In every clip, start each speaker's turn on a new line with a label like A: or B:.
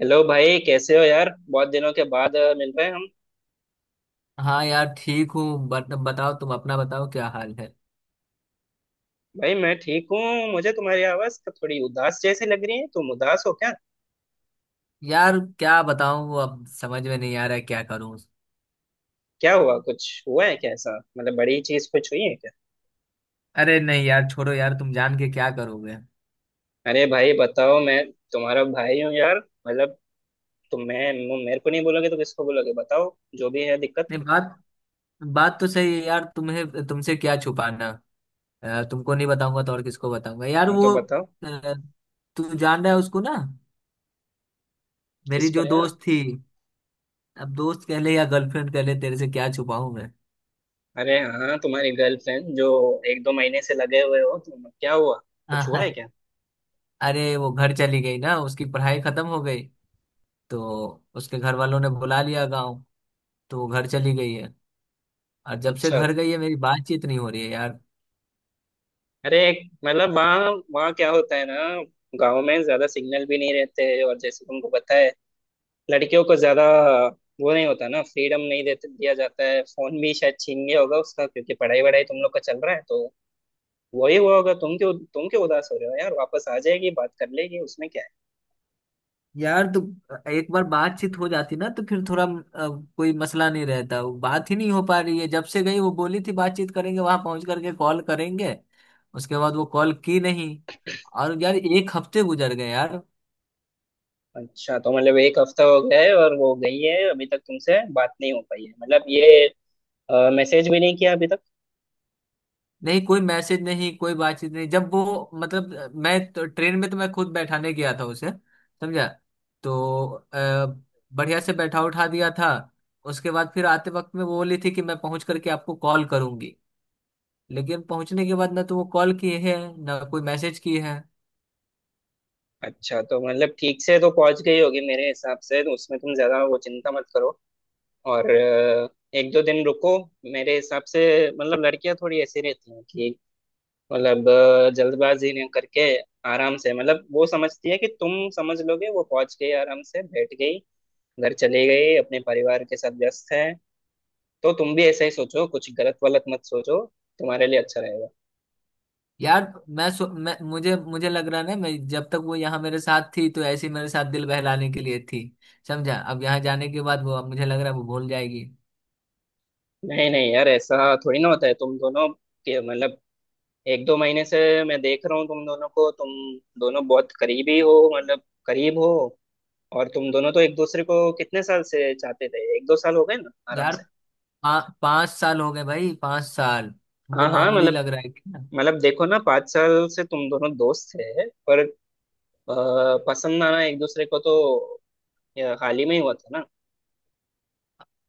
A: Hello भाई, कैसे हो यार? बहुत दिनों के बाद मिल रहे हैं हम।
B: हाँ यार, ठीक हूँ। बट बताओ, तुम अपना बताओ क्या हाल है।
A: भाई मैं ठीक हूँ, मुझे तुम्हारी आवाज का थोड़ी उदास जैसी लग रही है। तुम उदास हो क्या?
B: यार क्या बताऊँ, वो अब समझ में नहीं आ रहा है क्या करूँ।
A: क्या हुआ? कुछ हुआ है क्या ऐसा? मतलब बड़ी चीज कुछ हुई है क्या?
B: अरे नहीं यार, छोड़ो यार, तुम जान के क्या करोगे।
A: अरे भाई बताओ, मैं तुम्हारा भाई हूँ यार। मतलब तुम, मैं, मेरे को नहीं बोलोगे तो किसको बोलोगे? बताओ, जो भी है दिक्कत।
B: नहीं। बात बात तो सही है यार, तुम्हें तुमसे क्या छुपाना। तुमको नहीं बताऊंगा तो और किसको बताऊंगा यार,
A: हाँ तो
B: वो।
A: बताओ।
B: अ, तू जान रहा है उसको ना। मेरी
A: किसको
B: जो
A: यार?
B: दोस्त थी। अब दोस्त कह ले या गर्लफ्रेंड कह ले, तेरे से क्या छुपाऊं मैं।
A: अरे हाँ, तुम्हारी गर्लफ्रेंड जो एक दो महीने से लगे हुए हो तुम, क्या हुआ? कुछ हुआ है
B: अ,
A: क्या?
B: अरे वो घर चली गई ना, उसकी पढ़ाई खत्म हो गई। तो उसके घर वालों ने बुला लिया गाँव। तो वो घर चली गई है। और जब से
A: अच्छा।
B: घर गई है मेरी बातचीत नहीं हो रही है यार।
A: अरे मतलब वहाँ, वहाँ क्या होता है ना, गांव में ज्यादा सिग्नल भी नहीं रहते हैं। और जैसे तुमको पता है, लड़कियों को ज्यादा वो नहीं होता ना, फ्रीडम नहीं देते, दिया जाता है। फोन भी शायद छीन गया होगा उसका, क्योंकि पढ़ाई वढ़ाई तुम लोग का चल रहा है, तो वही हुआ होगा। तुम क्यों, तुम क्यों उदास हो रहे हो यार? वापस आ जाएगी, बात कर लेगी, उसमें क्या है।
B: यार तो एक बार बातचीत हो जाती ना तो फिर थोड़ा कोई मसला नहीं रहता। वो बात ही नहीं हो पा रही है। जब से गई वो बोली थी बातचीत करेंगे, वहां पहुंच करके कॉल करेंगे। उसके बाद वो कॉल की नहीं। और यार एक हफ्ते गुजर गए यार।
A: अच्छा, तो मतलब एक हफ्ता हो गया है और वो गई है, अभी तक तुमसे बात नहीं हो पाई है, मतलब ये मैसेज भी नहीं किया अभी तक?
B: नहीं कोई मैसेज नहीं, कोई बातचीत नहीं। जब वो मतलब, ट्रेन में तो मैं खुद बैठाने गया था उसे। समझा। तो अ, बढ़िया से बैठा उठा दिया था। उसके बाद फिर आते वक्त में वो बोली थी कि मैं पहुंच करके आपको कॉल करूंगी। लेकिन पहुंचने के बाद ना तो वो कॉल किए है, ना कोई मैसेज किए है।
A: अच्छा, तो मतलब ठीक से तो पहुंच गई होगी मेरे हिसाब से। तो उसमें तुम ज्यादा वो चिंता मत करो। और एक दो दिन रुको। मेरे हिसाब से मतलब लड़कियां थोड़ी ऐसी रहती हैं कि, मतलब जल्दबाजी नहीं करके आराम से, मतलब वो समझती है कि तुम समझ लोगे। वो पहुंच गई, आराम से बैठ गई, घर चली गई, अपने परिवार के साथ व्यस्त है। तो तुम भी ऐसा ही सोचो, कुछ गलत वलत मत सोचो, तुम्हारे लिए अच्छा रहेगा।
B: यार सो, मैं मुझे मुझे लग रहा है ना, मैं जब तक वो यहाँ मेरे साथ थी तो ऐसे ही मेरे साथ दिल बहलाने के लिए थी। समझा। अब यहाँ जाने के बाद वो, अब मुझे लग रहा है वो भूल जाएगी।
A: नहीं नहीं यार, ऐसा थोड़ी ना होता है। तुम दोनों के मतलब एक दो महीने से मैं देख रहा हूँ तुम दोनों को। तुम दोनों बहुत करीबी हो, मतलब करीब हो। और तुम दोनों तो एक दूसरे को कितने साल से चाहते थे, एक दो साल हो गए ना आराम
B: यार
A: से।
B: 5 साल हो गए भाई, 5 साल तुमको
A: हाँ हाँ
B: मामूली
A: मतलब,
B: लग रहा है क्या।
A: मतलब देखो ना, पाँच साल से तुम दोनों दोस्त थे पर अ, पसंद आना एक दूसरे को तो हाल ही में ही हुआ था ना।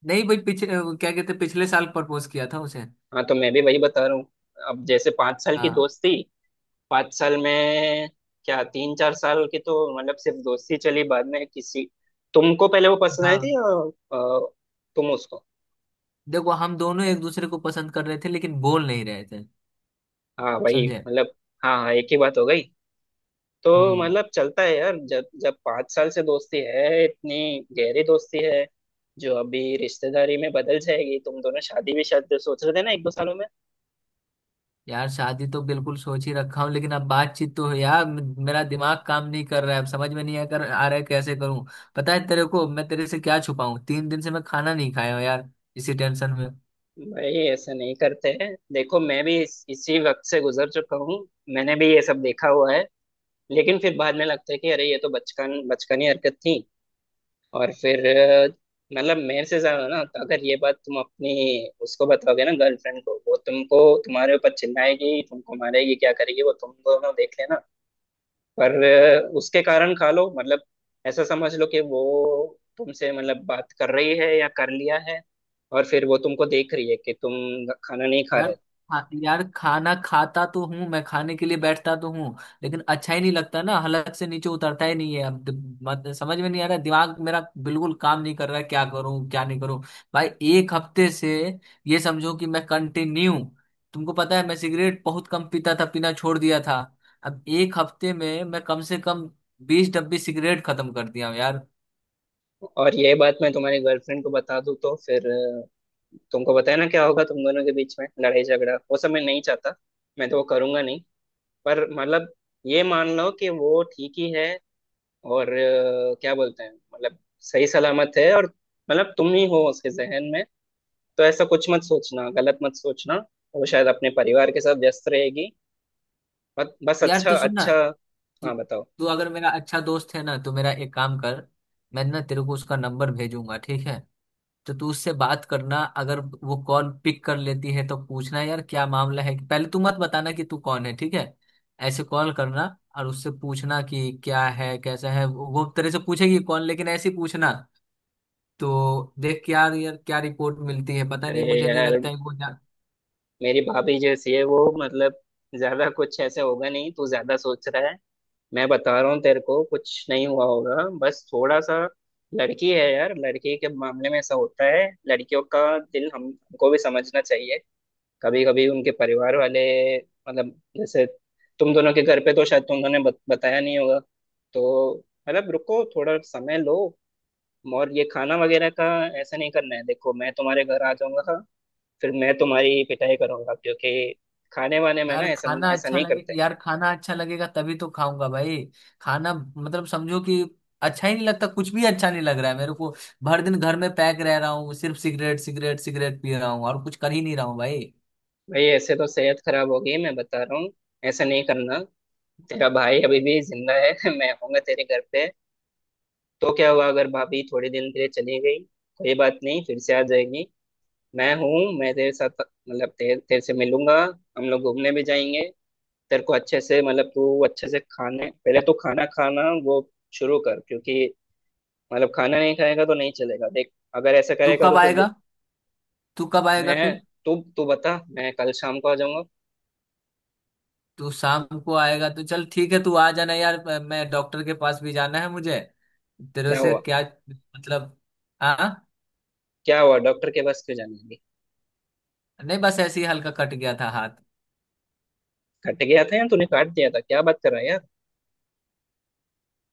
B: नहीं भाई, पिछले, वो क्या कहते हैं, पिछले साल प्रपोज किया था उसे।
A: हाँ तो मैं भी वही बता रहा हूँ। अब जैसे पाँच साल की
B: हाँ
A: दोस्ती, पाँच साल में क्या तीन चार साल की तो मतलब सिर्फ दोस्ती चली, बाद में किसी, तुमको पहले वो पसंद आई थी
B: हाँ।
A: या अ, तुम उसको?
B: देखो हम दोनों एक दूसरे को पसंद कर रहे थे लेकिन बोल नहीं रहे थे।
A: हाँ वही
B: समझे।
A: मतलब। हाँ हाँ, एक ही बात हो गई। तो
B: हम्म।
A: मतलब चलता है यार, जब जब पाँच साल से दोस्ती है, इतनी गहरी दोस्ती है जो अभी रिश्तेदारी में बदल जाएगी, तुम दोनों शादी भी शायद सोच रहे थे ना एक दो सालों में।
B: यार शादी तो बिल्कुल सोच ही रखा हूँ, लेकिन अब बातचीत तो है यार। मेरा दिमाग काम नहीं कर रहा है, अब समझ में नहीं आ कर आ रहा है कैसे करूँ। पता है तेरे को, मैं तेरे से क्या छुपाऊं, 3 दिन से मैं खाना नहीं खाया हूँ यार। इसी टेंशन में।
A: भाई ऐसा नहीं करते हैं, देखो मैं भी इसी वक्त से गुजर चुका हूँ, मैंने भी ये सब देखा हुआ है। लेकिन फिर बाद में लगता है कि अरे ये तो बचपन, बचकानी हरकत थी। और फिर मतलब मेरे से ज्यादा ना, तो अगर ये बात तुम अपनी उसको बताओगे ना, गर्लफ्रेंड को, वो तुमको, तुम्हारे ऊपर चिल्लाएगी, तुमको मारेगी, क्या करेगी वो तुम दोनों देख लेना। पर उसके कारण खा लो, मतलब ऐसा समझ लो कि वो तुमसे मतलब बात कर रही है या कर लिया है। और फिर वो तुमको देख रही है कि तुम खाना नहीं खा
B: यार
A: रहे।
B: यार खाना खाता तो हूँ, मैं खाने के लिए बैठता तो हूँ। लेकिन अच्छा ही नहीं लगता ना, हलक से नीचे उतरता ही नहीं है। अब दिम- मत, समझ में नहीं आ रहा दिमाग मेरा। बिल्कुल काम नहीं कर रहा है, क्या करूँ क्या नहीं करूँ। भाई एक हफ्ते से, ये समझो कि मैं कंटिन्यू, तुमको पता है मैं सिगरेट बहुत कम पीता था, पीना छोड़ दिया था। अब एक हफ्ते में मैं कम से कम 20 डब्बी सिगरेट खत्म कर दिया हूँ यार।
A: और ये बात मैं तुम्हारी गर्लफ्रेंड को बता दूँ तो फिर तुमको पता है ना क्या होगा। तुम दोनों के बीच में लड़ाई झगड़ा, वो सब मैं नहीं चाहता, मैं तो वो करूंगा नहीं। पर मतलब ये मान लो कि वो ठीक ही है और क्या बोलते हैं, मतलब सही सलामत है। और मतलब तुम ही हो उसके जहन में, तो ऐसा कुछ मत सोचना, गलत मत सोचना। वो शायद अपने परिवार के साथ व्यस्त रहेगी। बस बस,
B: यार
A: अच्छा
B: तो सुन ना।
A: अच्छा।
B: तू
A: हाँ बताओ।
B: तू अगर मेरा अच्छा दोस्त है ना, तो मेरा एक काम कर। मैं ना तेरे को उसका नंबर भेजूंगा, ठीक है। तो तू उससे बात करना। अगर वो कॉल पिक कर लेती है तो पूछना यार क्या मामला है, पहले तू मत बताना कि तू कौन है, ठीक है। ऐसे कॉल करना। और उससे पूछना कि क्या है कैसा है वो। वो तेरे से पूछेगी कौन, लेकिन ऐसे ही पूछना। तो देख यार यार क्या रिपोर्ट मिलती है, पता नहीं,
A: अरे
B: मुझे नहीं
A: यार,
B: लगता है वो।
A: मेरी भाभी जैसी है वो, मतलब ज्यादा कुछ ऐसे होगा नहीं, तू ज्यादा सोच रहा है। मैं बता रहा हूँ तेरे को, कुछ नहीं हुआ होगा, बस थोड़ा सा। लड़की है यार, लड़की के मामले में ऐसा होता है, लड़कियों का दिल हम, हमको भी समझना चाहिए। कभी कभी उनके परिवार वाले मतलब जैसे, तुम दोनों के घर पे तो शायद तुम दोनों ने बताया नहीं होगा तो मतलब रुको, थोड़ा समय लो। और ये खाना वगैरह का ऐसा नहीं करना है, देखो मैं तुम्हारे घर आ जाऊंगा, फिर मैं तुम्हारी पिटाई करूंगा। क्योंकि खाने वाने में
B: यार
A: ना ऐसा,
B: खाना
A: ऐसा
B: अच्छा
A: नहीं
B: लगे,
A: करते।
B: यार खाना अच्छा लगेगा तभी तो खाऊंगा भाई। खाना मतलब समझो कि, अच्छा ही नहीं लगता, कुछ भी अच्छा नहीं लग रहा है मेरे को। भर दिन घर में पैक रह रहा हूँ, सिर्फ सिगरेट सिगरेट सिगरेट पी रहा हूँ और कुछ कर ही नहीं रहा हूँ भाई।
A: भाई ऐसे तो सेहत खराब होगी, मैं बता रहा हूँ, ऐसा नहीं करना। तेरा भाई अभी भी जिंदा है। मैं आऊंगा तेरे घर पे। तो क्या हुआ अगर भाभी थोड़ी दिन के लिए चली गई, कोई बात नहीं, फिर से आ जाएगी। मैं हूँ, मैं तेरे साथ, मतलब तेरे, तेरे से मिलूंगा, हम लोग घूमने भी जाएंगे। तेरे को अच्छे से मतलब, तू अच्छे से खाने, पहले तो खाना खाना वो शुरू कर, क्योंकि मतलब खाना नहीं खाएगा तो नहीं चलेगा। देख अगर ऐसा
B: तू
A: करेगा तो
B: कब
A: फिर दु-।
B: आएगा? तू कब आएगा
A: मैं,
B: फिर?
A: तू तू बता, मैं कल शाम को आ जाऊंगा।
B: तू शाम को आएगा तो चल ठीक है, तू आ जाना यार। मैं डॉक्टर के पास भी जाना है मुझे। तेरे
A: क्या
B: से
A: हुआ?
B: क्या। मतलब। हाँ।
A: क्या हुआ डॉक्टर के पास क्यों जाने लगी?
B: नहीं, बस ऐसे ही हल्का कट गया था हाथ।
A: कट गया था या तूने काट दिया था? क्या बात कर रहा है यार।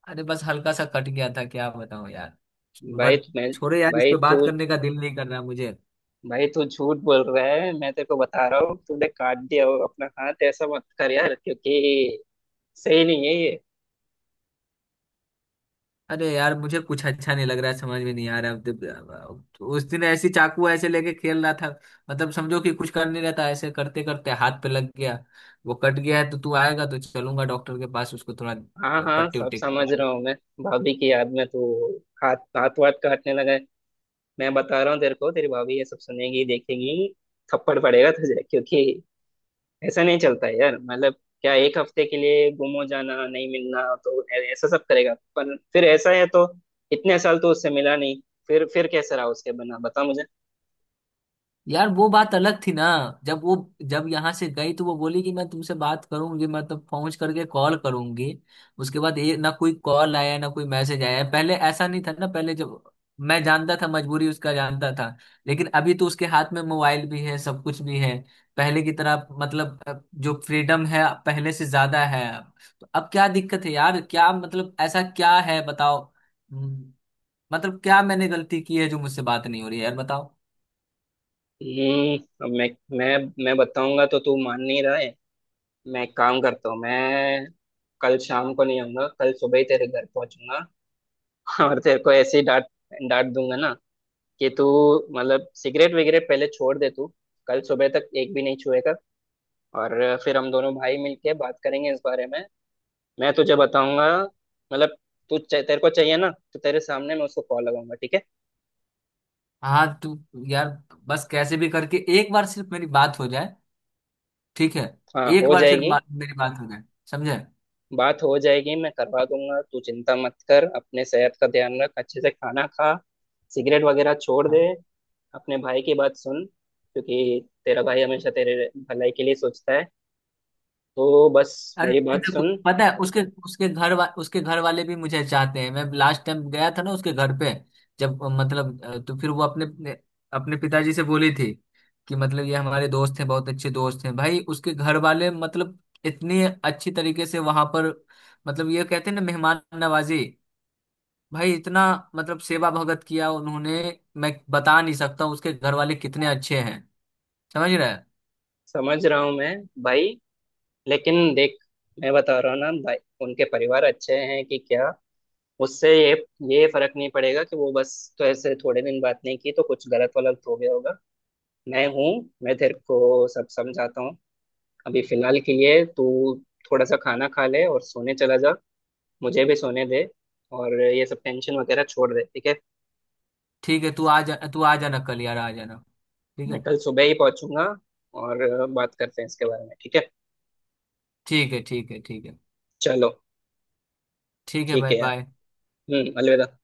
B: अरे बस हल्का सा कट गया था, क्या बताऊं यार।
A: भाई
B: बस।
A: मैं,
B: छोड़ो यार, इस
A: भाई
B: पे बात
A: तू,
B: करने का दिल नहीं कर रहा मुझे।
A: भाई तू झूठ बोल रहा है, मैं तेरे को बता रहा हूँ। तूने काट दिया हो अपना हाथ, ऐसा मत कर यार, क्योंकि सही नहीं है ये।
B: अरे यार मुझे कुछ अच्छा नहीं लग रहा है, समझ में नहीं आ रहा अब उस दिन ऐसी चाकू ऐसे लेके खेल रहा था। मतलब समझो कि, कुछ कर नहीं रहता ऐसे करते करते हाथ पे लग गया। वो कट गया है, तो तू आएगा तो चलूंगा डॉक्टर के पास, उसको थोड़ा
A: हाँ हाँ,
B: पट्टी
A: सब
B: उट्टी।
A: समझ रहा हूँ मैं। भाभी की याद में तू हाथ, हाथ वाथ काटने लगा है। मैं बता रहा हूँ तेरे को, तेरी भाभी ये सब सुनेगी देखेगी, थप्पड़ पड़ेगा तुझे। क्योंकि ऐसा नहीं चलता है यार, मतलब क्या एक हफ्ते के लिए गुम हो जाना, नहीं मिलना तो ऐ- ऐसा सब करेगा? पर फिर ऐसा है तो इतने साल तो उससे मिला नहीं, फिर फिर कैसे रहा उसके बिना, बता मुझे।
B: यार वो बात अलग थी ना। जब वो जब यहाँ से गई तो वो बोली कि मैं तुमसे बात करूंगी, मतलब पहुंच करके कॉल करूंगी। उसके बाद ये ना कोई कॉल आया ना कोई मैसेज आया। पहले ऐसा नहीं था ना, पहले जब, मैं जानता था, मजबूरी उसका जानता था। लेकिन अभी तो उसके हाथ में मोबाइल भी है, सब कुछ भी है। पहले की तरह मतलब जो फ्रीडम है पहले से ज्यादा है अब। तो अब क्या दिक्कत है यार, क्या मतलब, ऐसा क्या है बताओ। हम्म, मतलब क्या मैंने गलती की है जो मुझसे बात नहीं हो रही है यार बताओ।
A: हम्म। अब मैं मैं बताऊंगा तो तू मान नहीं रहा है। मैं एक काम करता हूँ, मैं कल शाम को नहीं आऊंगा, कल सुबह ही तेरे घर पहुंचूंगा। और तेरे को ऐसे ही डांट, डांट दूंगा ना, कि तू मतलब सिगरेट वगैरह पहले छोड़ दे तू, कल सुबह तक एक भी नहीं छुएगा। और फिर हम दोनों भाई मिलके बात करेंगे इस बारे में, मैं तुझे बताऊंगा। मतलब तू, तेरे को चाहिए ना तो तेरे सामने मैं उसको कॉल लगाऊंगा, ठीक है?
B: हाँ तू। यार बस कैसे भी करके एक बार सिर्फ मेरी बात हो जाए। ठीक है।
A: हाँ
B: एक
A: हो
B: बार सिर्फ
A: जाएगी।
B: मेरी बात हो जाए। समझे।
A: बात हो जाएगी, मैं करवा दूंगा, तू चिंता मत कर। अपने सेहत का ध्यान रख, अच्छे से खाना खा, सिगरेट वगैरह छोड़ दे।
B: हाँ।
A: अपने भाई की बात सुन, क्योंकि तेरा भाई हमेशा तेरे भलाई के लिए सोचता है। तो बस
B: अरे
A: मेरी बात
B: देखो,
A: सुन।
B: पता है उसके उसके घर वा, उसके घर वाले भी मुझे चाहते हैं। मैं लास्ट टाइम गया था ना उसके घर पे। जब मतलब तो फिर वो अपने अपने अपने पिताजी से बोली थी, कि मतलब ये हमारे दोस्त हैं, बहुत अच्छे दोस्त हैं। भाई उसके घर वाले मतलब, इतनी अच्छी तरीके से वहां पर, मतलब ये कहते हैं ना मेहमान नवाजी, भाई इतना मतलब सेवा भगत किया उन्होंने। मैं बता नहीं सकता हूँ। उसके घर वाले कितने अच्छे हैं। समझ रहे हैं।
A: समझ रहा हूँ मैं भाई, लेकिन देख, मैं बता रहा हूँ ना भाई, उनके परिवार अच्छे हैं कि क्या, उससे ये फर्क नहीं पड़ेगा कि वो बस तो ऐसे थोड़े दिन बात नहीं की तो कुछ गलत वलत हो गया होगा। मैं हूँ, मैं तेरे को सब समझाता हूँ। अभी फिलहाल के लिए तू थोड़ा सा खाना खा ले और सोने चला जा, मुझे भी सोने दे। और ये सब टेंशन वगैरह छोड़ दे, ठीक है?
B: ठीक है, तू आ जा, तू आ जाना कल यार, आ जाना। ठीक
A: मैं
B: है।
A: कल सुबह ही पहुंचूंगा और बात करते हैं इसके बारे में, ठीक है?
B: ठीक है ठीक है। ठीक है
A: चलो,
B: ठीक है
A: ठीक
B: भाई,
A: है यार।
B: बाय।
A: हम्म, अलविदा।